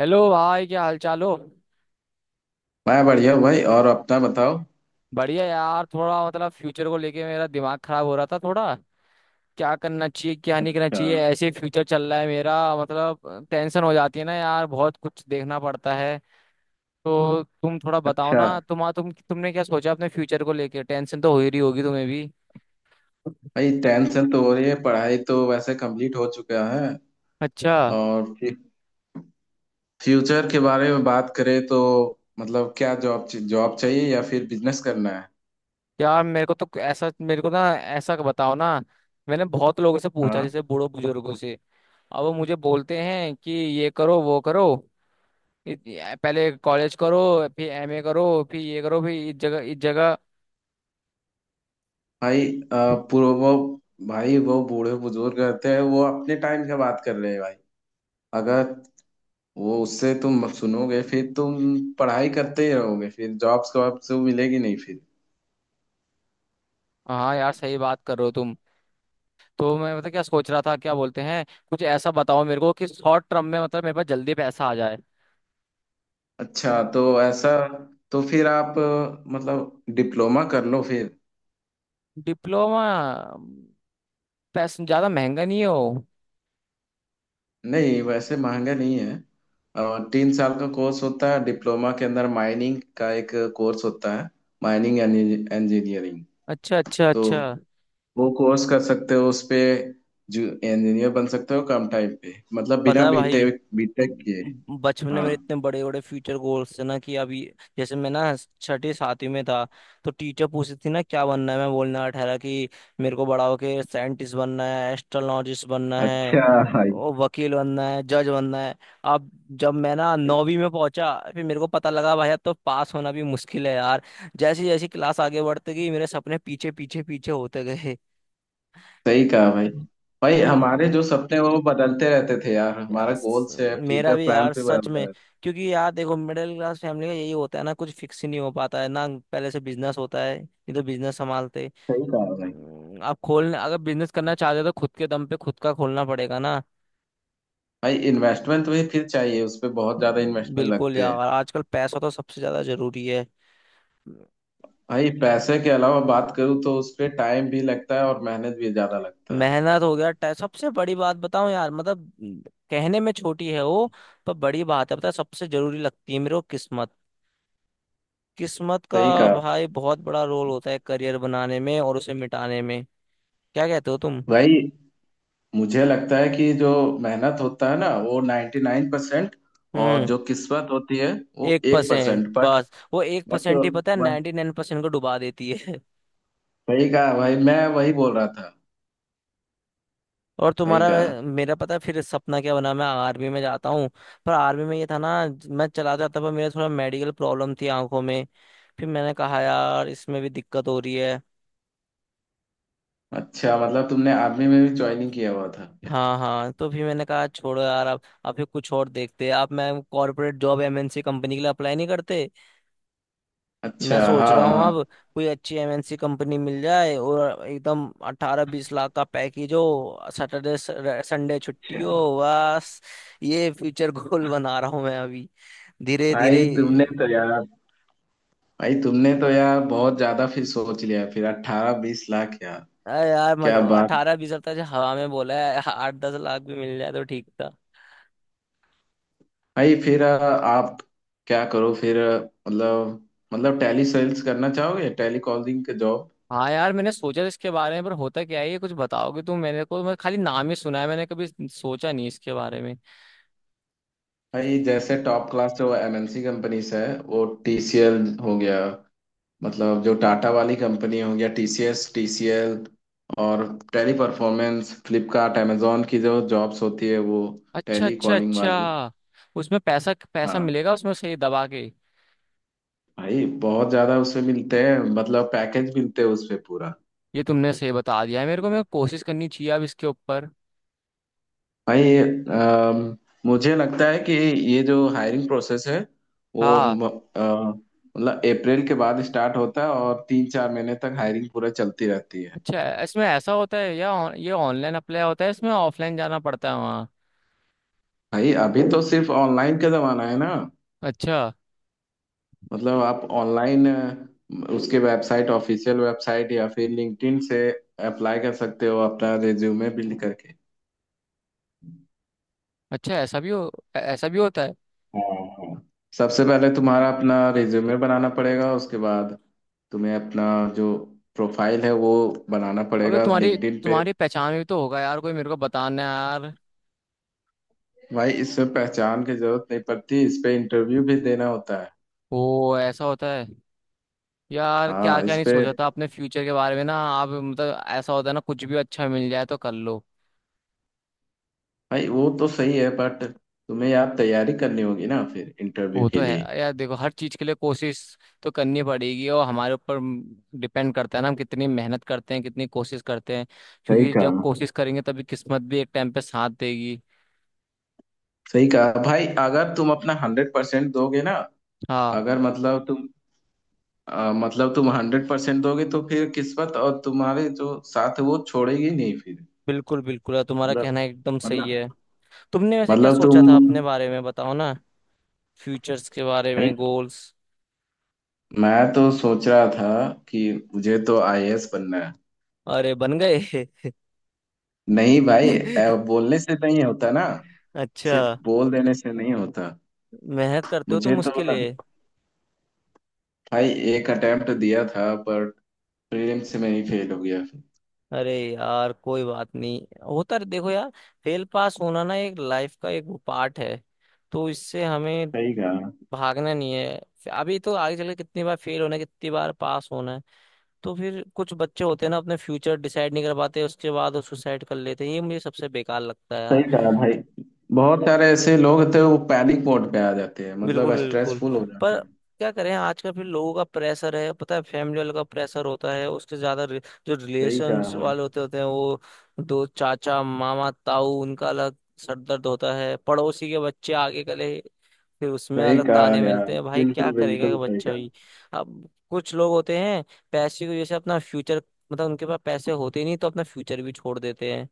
Hello भाई, क्या हाल चाल हो। मैं बढ़िया हूँ भाई। और अपना बताओ। बढ़िया यार, थोड़ा मतलब फ्यूचर को लेके मेरा दिमाग खराब हो रहा था थोड़ा। क्या करना चाहिए, क्या नहीं करना अच्छा। चाहिए, ऐसे फ्यूचर चल रहा है मेरा। मतलब टेंशन हो जाती है ना यार, बहुत कुछ देखना पड़ता है। तो तुम थोड़ा बताओ अच्छा। ना, तुमने क्या सोचा अपने फ्यूचर को लेके। टेंशन तो हो ही रही होगी तुम्हें भी। भाई, टेंशन तो हो रही है। पढ़ाई तो वैसे कंप्लीट हो चुका है। अच्छा। और ठीक। फ्यूचर के बारे में बात करें तो मतलब क्या जॉब जॉब चाहिए या फिर बिजनेस करना है? यार मेरे को तो ऐसा, मेरे को ना ऐसा बताओ ना। मैंने बहुत लोगों से पूछा, हाँ। जैसे बूढ़ों बुजुर्गों से। अब वो मुझे बोलते हैं कि ये करो, वो करो। पहले कॉलेज करो। फिर MA करो। फिर ये करो, फिर इस जगह इस जगह। भाई, अ, पूर्व वो भाई, वो बूढ़े बुजुर्ग रहते हैं, वो अपने टाइम की बात कर रहे हैं भाई। अगर वो उससे तुम सुनोगे फिर तुम पढ़ाई करते ही रहोगे, फिर जॉब्स वॉब्स तो मिलेगी नहीं फिर। हाँ यार, सही बात कर रहे हो तुम। तो मैं मतलब क्या सोच रहा था, क्या बोलते हैं, कुछ ऐसा बताओ मेरे को कि शॉर्ट टर्म में मतलब मेरे पास जल्दी पैसा आ जाए। अच्छा तो ऐसा। तो फिर आप मतलब डिप्लोमा कर लो फिर। डिप्लोमा? पैसा ज़्यादा महंगा नहीं हो? नहीं, वैसे महंगा नहीं है। 3 साल का कोर्स होता है डिप्लोमा के अंदर। माइनिंग का एक कोर्स होता है, माइनिंग इंजीनियरिंग। अच्छा अच्छा तो अच्छा। वो कोर्स कर सकते हो उस पे। जो इंजीनियर बन सकते हो कम टाइम पे, मतलब पता बिना है भाई, बीटेक बीटेक म- किए। बचपन हाँ। में इतने बड़े बड़े फ्यूचर गोल्स थे ना कि अभी। जैसे मैं ना छठी सातवीं में था, तो टीचर पूछती थी ना क्या बनना है, मैं बोलना ठहरा कि मेरे को बड़ा होके साइंटिस्ट बनना है, एस्ट्रोलॉजिस्ट बनना है, अच्छा। भाई ओ, वकील बनना है, जज बनना है। अब जब मैं ना नौवीं में पहुंचा, फिर मेरे को पता लगा भाई अब तो पास होना भी मुश्किल है यार। जैसी जैसी क्लास आगे बढ़ती गई, मेरे सपने पीछे पीछे पीछे होते गए। सही कहा भाई। भाई, तुम, हमारे जो सपने वो बदलते रहते थे यार। हमारा यार गोल्स है, मेरा फ्यूचर भी प्लान यार भी सच में। बदलता रहता। क्योंकि यार देखो, मिडिल क्लास फैमिली का यही होता है ना, कुछ फिक्स ही नहीं हो पाता है ना, पहले से बिजनेस होता है नहीं तो बिजनेस संभालते। सही कहा भाई। आप खोलने अगर बिजनेस करना चाहते हो तो खुद के दम पे खुद का खोलना पड़ेगा ना। भाई, इन्वेस्टमेंट तो भाई फिर चाहिए। उस पे बहुत ज्यादा इन्वेस्टमेंट बिल्कुल लगते हैं। यार, आजकल पैसा तो सबसे ज्यादा जरूरी है। भाई, पैसे के अलावा बात करूँ तो उस पे टाइम भी लगता है और मेहनत भी ज्यादा लगता है। मेहनत हो गया, सबसे बड़ी बात बताऊं यार मतलब, कहने में छोटी है वो, पर बड़ी बात है, पता है सबसे जरूरी लगती है मेरे को किस्मत। किस्मत का सही कहा भाई बहुत बड़ा रोल होता है करियर बनाने में और उसे मिटाने में। क्या कहते हो तुम? भाई। मुझे लगता है कि जो मेहनत होता है ना वो 99%। और हम्म। जो किस्मत होती है, वो एक एक परसेंट परसेंट बट बस वो एक बट परसेंट ही पता है 99% को डुबा देती है। सही कहा भाई, मैं वही बोल रहा था। और सही तुम्हारा? कहा। मेरा पता है फिर सपना क्या बना, मैं आर्मी में जाता हूँ। पर आर्मी में ये था ना, मैं चला जाता पर मेरा थोड़ा मेडिकल प्रॉब्लम थी आंखों में। फिर मैंने कहा यार इसमें भी दिक्कत हो रही है। अच्छा, मतलब तुमने आर्मी में भी ज्वाइनिंग किया हुआ था क्या? हाँ हाँ, तो फिर मैंने कहा छोड़ो यार, अब फिर कुछ और देखते हैं, आप मैं कॉर्पोरेट जॉब MNC कंपनी के लिए अप्लाई नहीं करते? मैं अच्छा सोच हाँ रहा हूँ हाँ। अब, कोई अच्छी MNC कंपनी मिल जाए और एकदम 18-20 लाख का पैकेज हो, सैटरडे संडे छुट्टी हो, अच्छा। बस। ये फ्यूचर गोल बना रहा हूँ मैं अभी, धीरे धीरे। भाई तुमने तो यार भाई तुमने तो यार, बहुत ज्यादा फिर सोच लिया फिर, 18-20 लाख यार। अरे यार, क्या मजा बात। 18-20 हजार हवा में बोला है, 8-10 लाख भी मिल जाए तो ठीक था। भाई फिर आप क्या करो फिर। मतलब मतलब टैली सेल्स करना चाहोगे? टैली कॉलिंग का जॉब। हाँ यार, मैंने सोचा था इसके बारे में, पर होता क्या है ये, कुछ बताओगे तुम मेरे को? मैं खाली नाम ही सुना है मैंने, कभी सोचा नहीं इसके बारे में। भाई जैसे टॉप क्लास जो एमएनसी कंपनीज है, वो टीसीएल हो गया। मतलब जो टाटा वाली कंपनी हो गया, टीसीएस टीसीएल। और टैली परफॉर्मेंस, फ्लिपकार्ट, amazon की जो जॉब्स होती है, वो अच्छा टैली अच्छा कॉलिंग वाली। अच्छा। उसमें पैसा पैसा हाँ। मिलेगा उसमें सही दबा के? भाई बहुत ज्यादा उसमें मिलते हैं, मतलब पैकेज मिलते हैं उसमें पूरा। ये तुमने सही बता दिया है मेरे को, मैं कोशिश करनी चाहिए अब इसके ऊपर। भाई मुझे लगता है कि ये जो हायरिंग प्रोसेस है वो हाँ। अ, मतलब अप्रैल के बाद स्टार्ट होता है, और 3-4 महीने तक हायरिंग पूरा चलती रहती है। अच्छा, इसमें ऐसा होता है, या ये ऑनलाइन अप्लाई होता है इसमें, ऑफलाइन जाना पड़ता है वहाँ? भाई अभी तो सिर्फ ऑनलाइन का जमाना है ना। अच्छा मतलब आप ऑनलाइन उसके वेबसाइट ऑफिशियल वेबसाइट या फिर लिंक्डइन से अप्लाई कर सकते हो अपना रिज्यूमे बिल्ड करके। अच्छा ऐसा भी हो ऐसा भी होता है। हाँ हाँ। सबसे पहले तुम्हारा अपना रिज्यूमे बनाना पड़ेगा। उसके बाद तुम्हें अपना जो प्रोफाइल है वो बनाना अबे पड़ेगा तुम्हारी लिंक्डइन पे। तुम्हारी पहचान में भी तो होगा यार, कोई मेरे को बताना है यार। भाई इसमें पहचान की जरूरत नहीं पड़ती। इस पे इंटरव्यू भी देना होता है। ओ ऐसा होता है? यार क्या हाँ क्या इस नहीं पे। सोचा था अपने फ्यूचर के बारे में ना, आप मतलब ऐसा होता है ना, कुछ भी अच्छा मिल जाए तो कर लो। भाई वो तो सही है, बट तुम्हें यार तैयारी करनी होगी ना फिर इंटरव्यू वो तो के लिए। है यार, देखो हर चीज के लिए कोशिश तो करनी पड़ेगी और हमारे ऊपर डिपेंड करता है ना, हम कितनी मेहनत करते हैं कितनी कोशिश करते हैं। सही क्योंकि कहा। जब कोशिश करेंगे तभी किस्मत भी एक टाइम पे साथ देगी। सही कहा भाई। अगर तुम अपना 100% दोगे ना, हाँ। अगर मतलब तुम 100% दोगे तो फिर किस्मत और तुम्हारे जो साथ है वो छोड़ेगी नहीं फिर। बिल्कुल बिल्कुल यार, तुम्हारा मतलब। कहना एकदम सही है। मतलब तुमने वैसे क्या मतलब तुम सोचा था नहीं। अपने बारे में बताओ ना, फ्यूचर्स के बारे में, गोल्स। मैं तो सोच रहा था कि मुझे तो आईएएस बनना है। अरे बन गए? नहीं भाई, बोलने से नहीं होता ना। सिर्फ अच्छा। बोल देने से नहीं होता। मेहनत करते हो मुझे तुम तो उसके ना लिए? भाई, एक अटेम्प्ट दिया था पर प्रीलिम्स में ही फेल हो गया। अरे यार कोई बात नहीं, देखो यार, फेल पास होना ना एक लाइफ का एक वो पार्ट है, तो इससे हमें सही कहा। भागना नहीं है। अभी तो आगे चल के कितनी बार फेल होना है, कितनी बार पास होना है। तो फिर कुछ बच्चे होते हैं ना अपने फ्यूचर डिसाइड नहीं कर पाते, उसके बाद वो सुसाइड कर लेते हैं, ये मुझे सबसे बेकार लगता है सही यार। कहा भाई। बहुत सारे ऐसे लोग होते हैं वो पैनिक मोड पे आ जाते हैं, बिल्कुल मतलब बिल्कुल। स्ट्रेसफुल हो जाते पर हैं। क्या करें आजकल, फिर लोगों का प्रेशर है पता है, फैमिली वालों का प्रेशर होता है उसके ज्यादा जो सही रिलेशंस कहा। वाले होते होते हैं वो, दो चाचा मामा ताऊ उनका अलग सर दर्द होता है, पड़ोसी के बच्चे आगे गले, फिर उसमें सही अलग कहा ताने यार। मिलते हैं, भाई क्या बिल्कुल करेगा ये बिल्कुल सही बच्चा कहा। भी। अब कुछ लोग होते हैं पैसे की वजह से अपना फ्यूचर, मतलब उनके पास पैसे होते नहीं तो अपना फ्यूचर भी छोड़ देते हैं,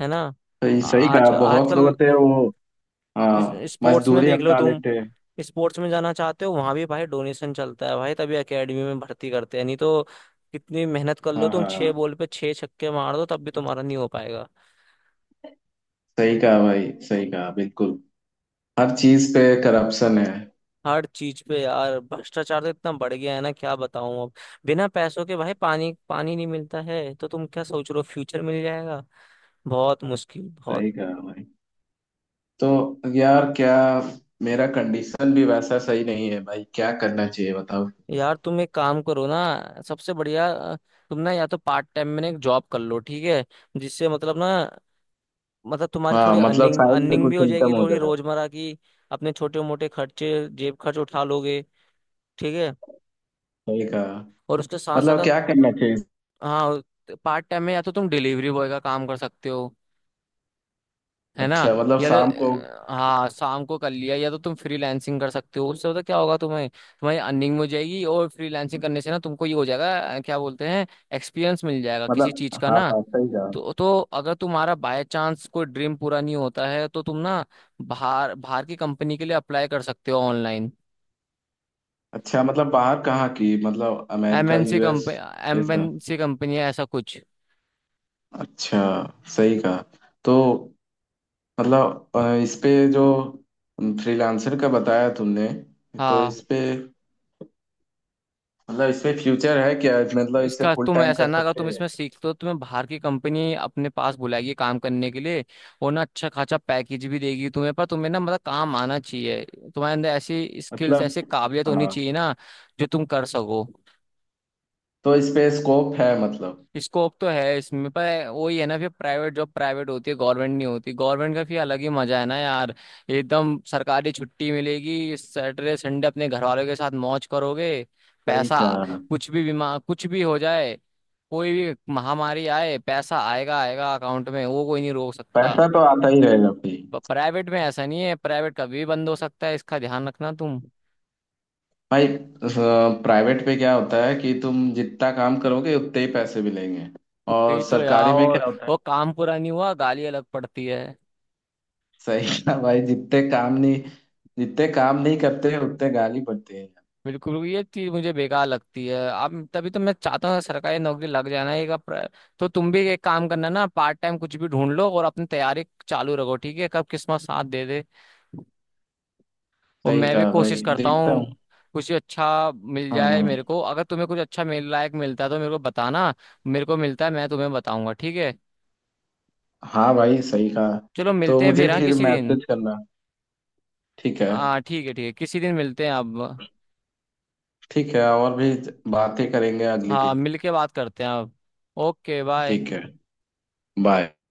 है ना। सही आ- सही कहा। आजकल बहुत लोग आजकल, होते हैं वो। हाँ, स्पोर्ट्स में मजदूरी देख लो अपना तुम। लेते हैं। स्पोर्ट्स में जाना चाहते हो, वहां भी भाई डोनेशन चलता है भाई, तभी एकेडमी में भर्ती करते हैं नहीं तो कितनी मेहनत कर लो हाँ तुम, हाँ छह हाँ। बॉल पे छह छक्के मार दो तब भी तुम्हारा नहीं हो पाएगा। सही कहा भाई, सही कहा बिल्कुल। हर चीज पे करप्शन है। हर चीज पे यार भ्रष्टाचार तो इतना बढ़ गया है ना, क्या बताऊं अब। बिना पैसों के भाई पानी पानी नहीं मिलता है, तो तुम क्या सोच रहे हो फ्यूचर मिल जाएगा। बहुत मुश्किल सही बहुत। कहा भाई। तो यार क्या, मेरा कंडीशन भी वैसा सही नहीं है भाई, क्या करना चाहिए बताओ। यार तुम एक काम करो ना, सबसे बढ़िया, तुम ना या तो पार्ट टाइम में ना एक जॉब कर लो, ठीक है, जिससे मतलब ना मतलब तुम्हारी हाँ, थोड़ी मतलब अर्निंग साइड पे अर्निंग भी कुछ हो जाएगी इनकम हो थोड़ी जाए। रोजमर्रा की, अपने छोटे मोटे खर्चे जेब खर्च उठा लोगे, ठीक है। सही कहा। और उसके साथ मतलब साथ, क्या करना चाहिए। हाँ, पार्ट टाइम में या तो तुम डिलीवरी बॉय का काम कर सकते हो, है ना, अच्छा, मतलब या तो शाम को। हाँ शाम को कर लिया, या तो तुम फ्रीलांसिंग कर सकते हो, उससे पता क्या होगा तुम्हें, तुम्हारी अर्निंग हो जाएगी और फ्रीलांसिंग करने से ना तुमको ये हो जाएगा, क्या बोलते हैं, एक्सपीरियंस मिल जाएगा किसी मतलब चीज का हाँ ना। हाँ, सही कहा। तो अगर तुम्हारा बाय चांस कोई ड्रीम पूरा नहीं होता है तो तुम ना, बाहर बाहर की कंपनी के लिए अप्लाई कर सकते हो ऑनलाइन, अच्छा, मतलब बाहर कहाँ की? मतलब अमेरिका, MNC यूएस, कंपनी, ये सब। MNC कंपनी है ऐसा कुछ। अच्छा। सही कहा। तो मतलब इस पे जो फ्रीलांसर का बताया तुमने, तो हाँ, इस पे मतलब इस पे फ्यूचर है क्या? मतलब इसे इसका फुल तुम टाइम ऐसा कर ना, अगर सकते तुम हैं? इसमें सीखते हो तुम्हें बाहर की कंपनी अपने पास बुलाएगी काम करने के लिए और ना अच्छा खासा पैकेज भी देगी तुम्हें, पर तुम्हें ना मतलब काम आना चाहिए, तुम्हारे अंदर ऐसी स्किल्स मतलब ऐसी काबिलियत होनी हाँ। चाहिए ना जो तुम कर सको। तो इस पे स्कोप है मतलब। स्कोप तो है इसमें, पर वही है ना, फिर प्राइवेट जॉब प्राइवेट होती है, गवर्नमेंट नहीं होती, गवर्नमेंट का फिर अलग ही मजा है ना यार। एकदम सरकारी छुट्टी मिलेगी सैटरडे संडे, अपने घर वालों के साथ मौज करोगे। सही पैसा था। कुछ भी, बीमा कुछ भी हो जाए, कोई भी महामारी आए पैसा आएगा आएगा अकाउंट में, वो कोई नहीं रोक सकता। पैसा तो आता ही रहेगा भाई। प्राइवेट में ऐसा नहीं है, प्राइवेट कभी भी बंद हो सकता है, इसका ध्यान रखना तुम। भाई प्राइवेट पे क्या होता है कि तुम जितना काम करोगे उतने ही पैसे मिलेंगे। और वही तो सरकारी यार, में और क्या होता है। वो काम पूरा नहीं हुआ गाली अलग पड़ती है। सही कहा भाई, जितने काम नहीं करते उतने गाली पड़ती है। बिल्कुल, ये चीज मुझे बेकार लगती है अब, तभी तो मैं चाहता हूँ सरकारी नौकरी लग जाना। तो तुम भी एक काम करना ना, पार्ट टाइम कुछ भी ढूंढ लो और अपनी तैयारी चालू रखो, ठीक है, कब किस्मत साथ दे दे। और सही मैं भी कहा भाई, कोशिश करता देखता हूँ। हूँ कुछ अच्छा मिल हाँ जाए मेरे हाँ। को, अगर तुम्हें कुछ अच्छा मिल लायक मिलता है तो मेरे को बताना, मेरे को मिलता है मैं तुम्हें बताऊंगा, ठीक है। हाँ भाई सही कहा। चलो तो मिलते हैं मुझे फिर, हाँ फिर किसी दिन। मैसेज करना, ठीक है। हाँ ठीक है ठीक है, किसी दिन मिलते हैं अब। ठीक है, और भी बातें करेंगे अगले हाँ दिन। मिल के बात करते हैं अब। Okay bye. ठीक है। बाय।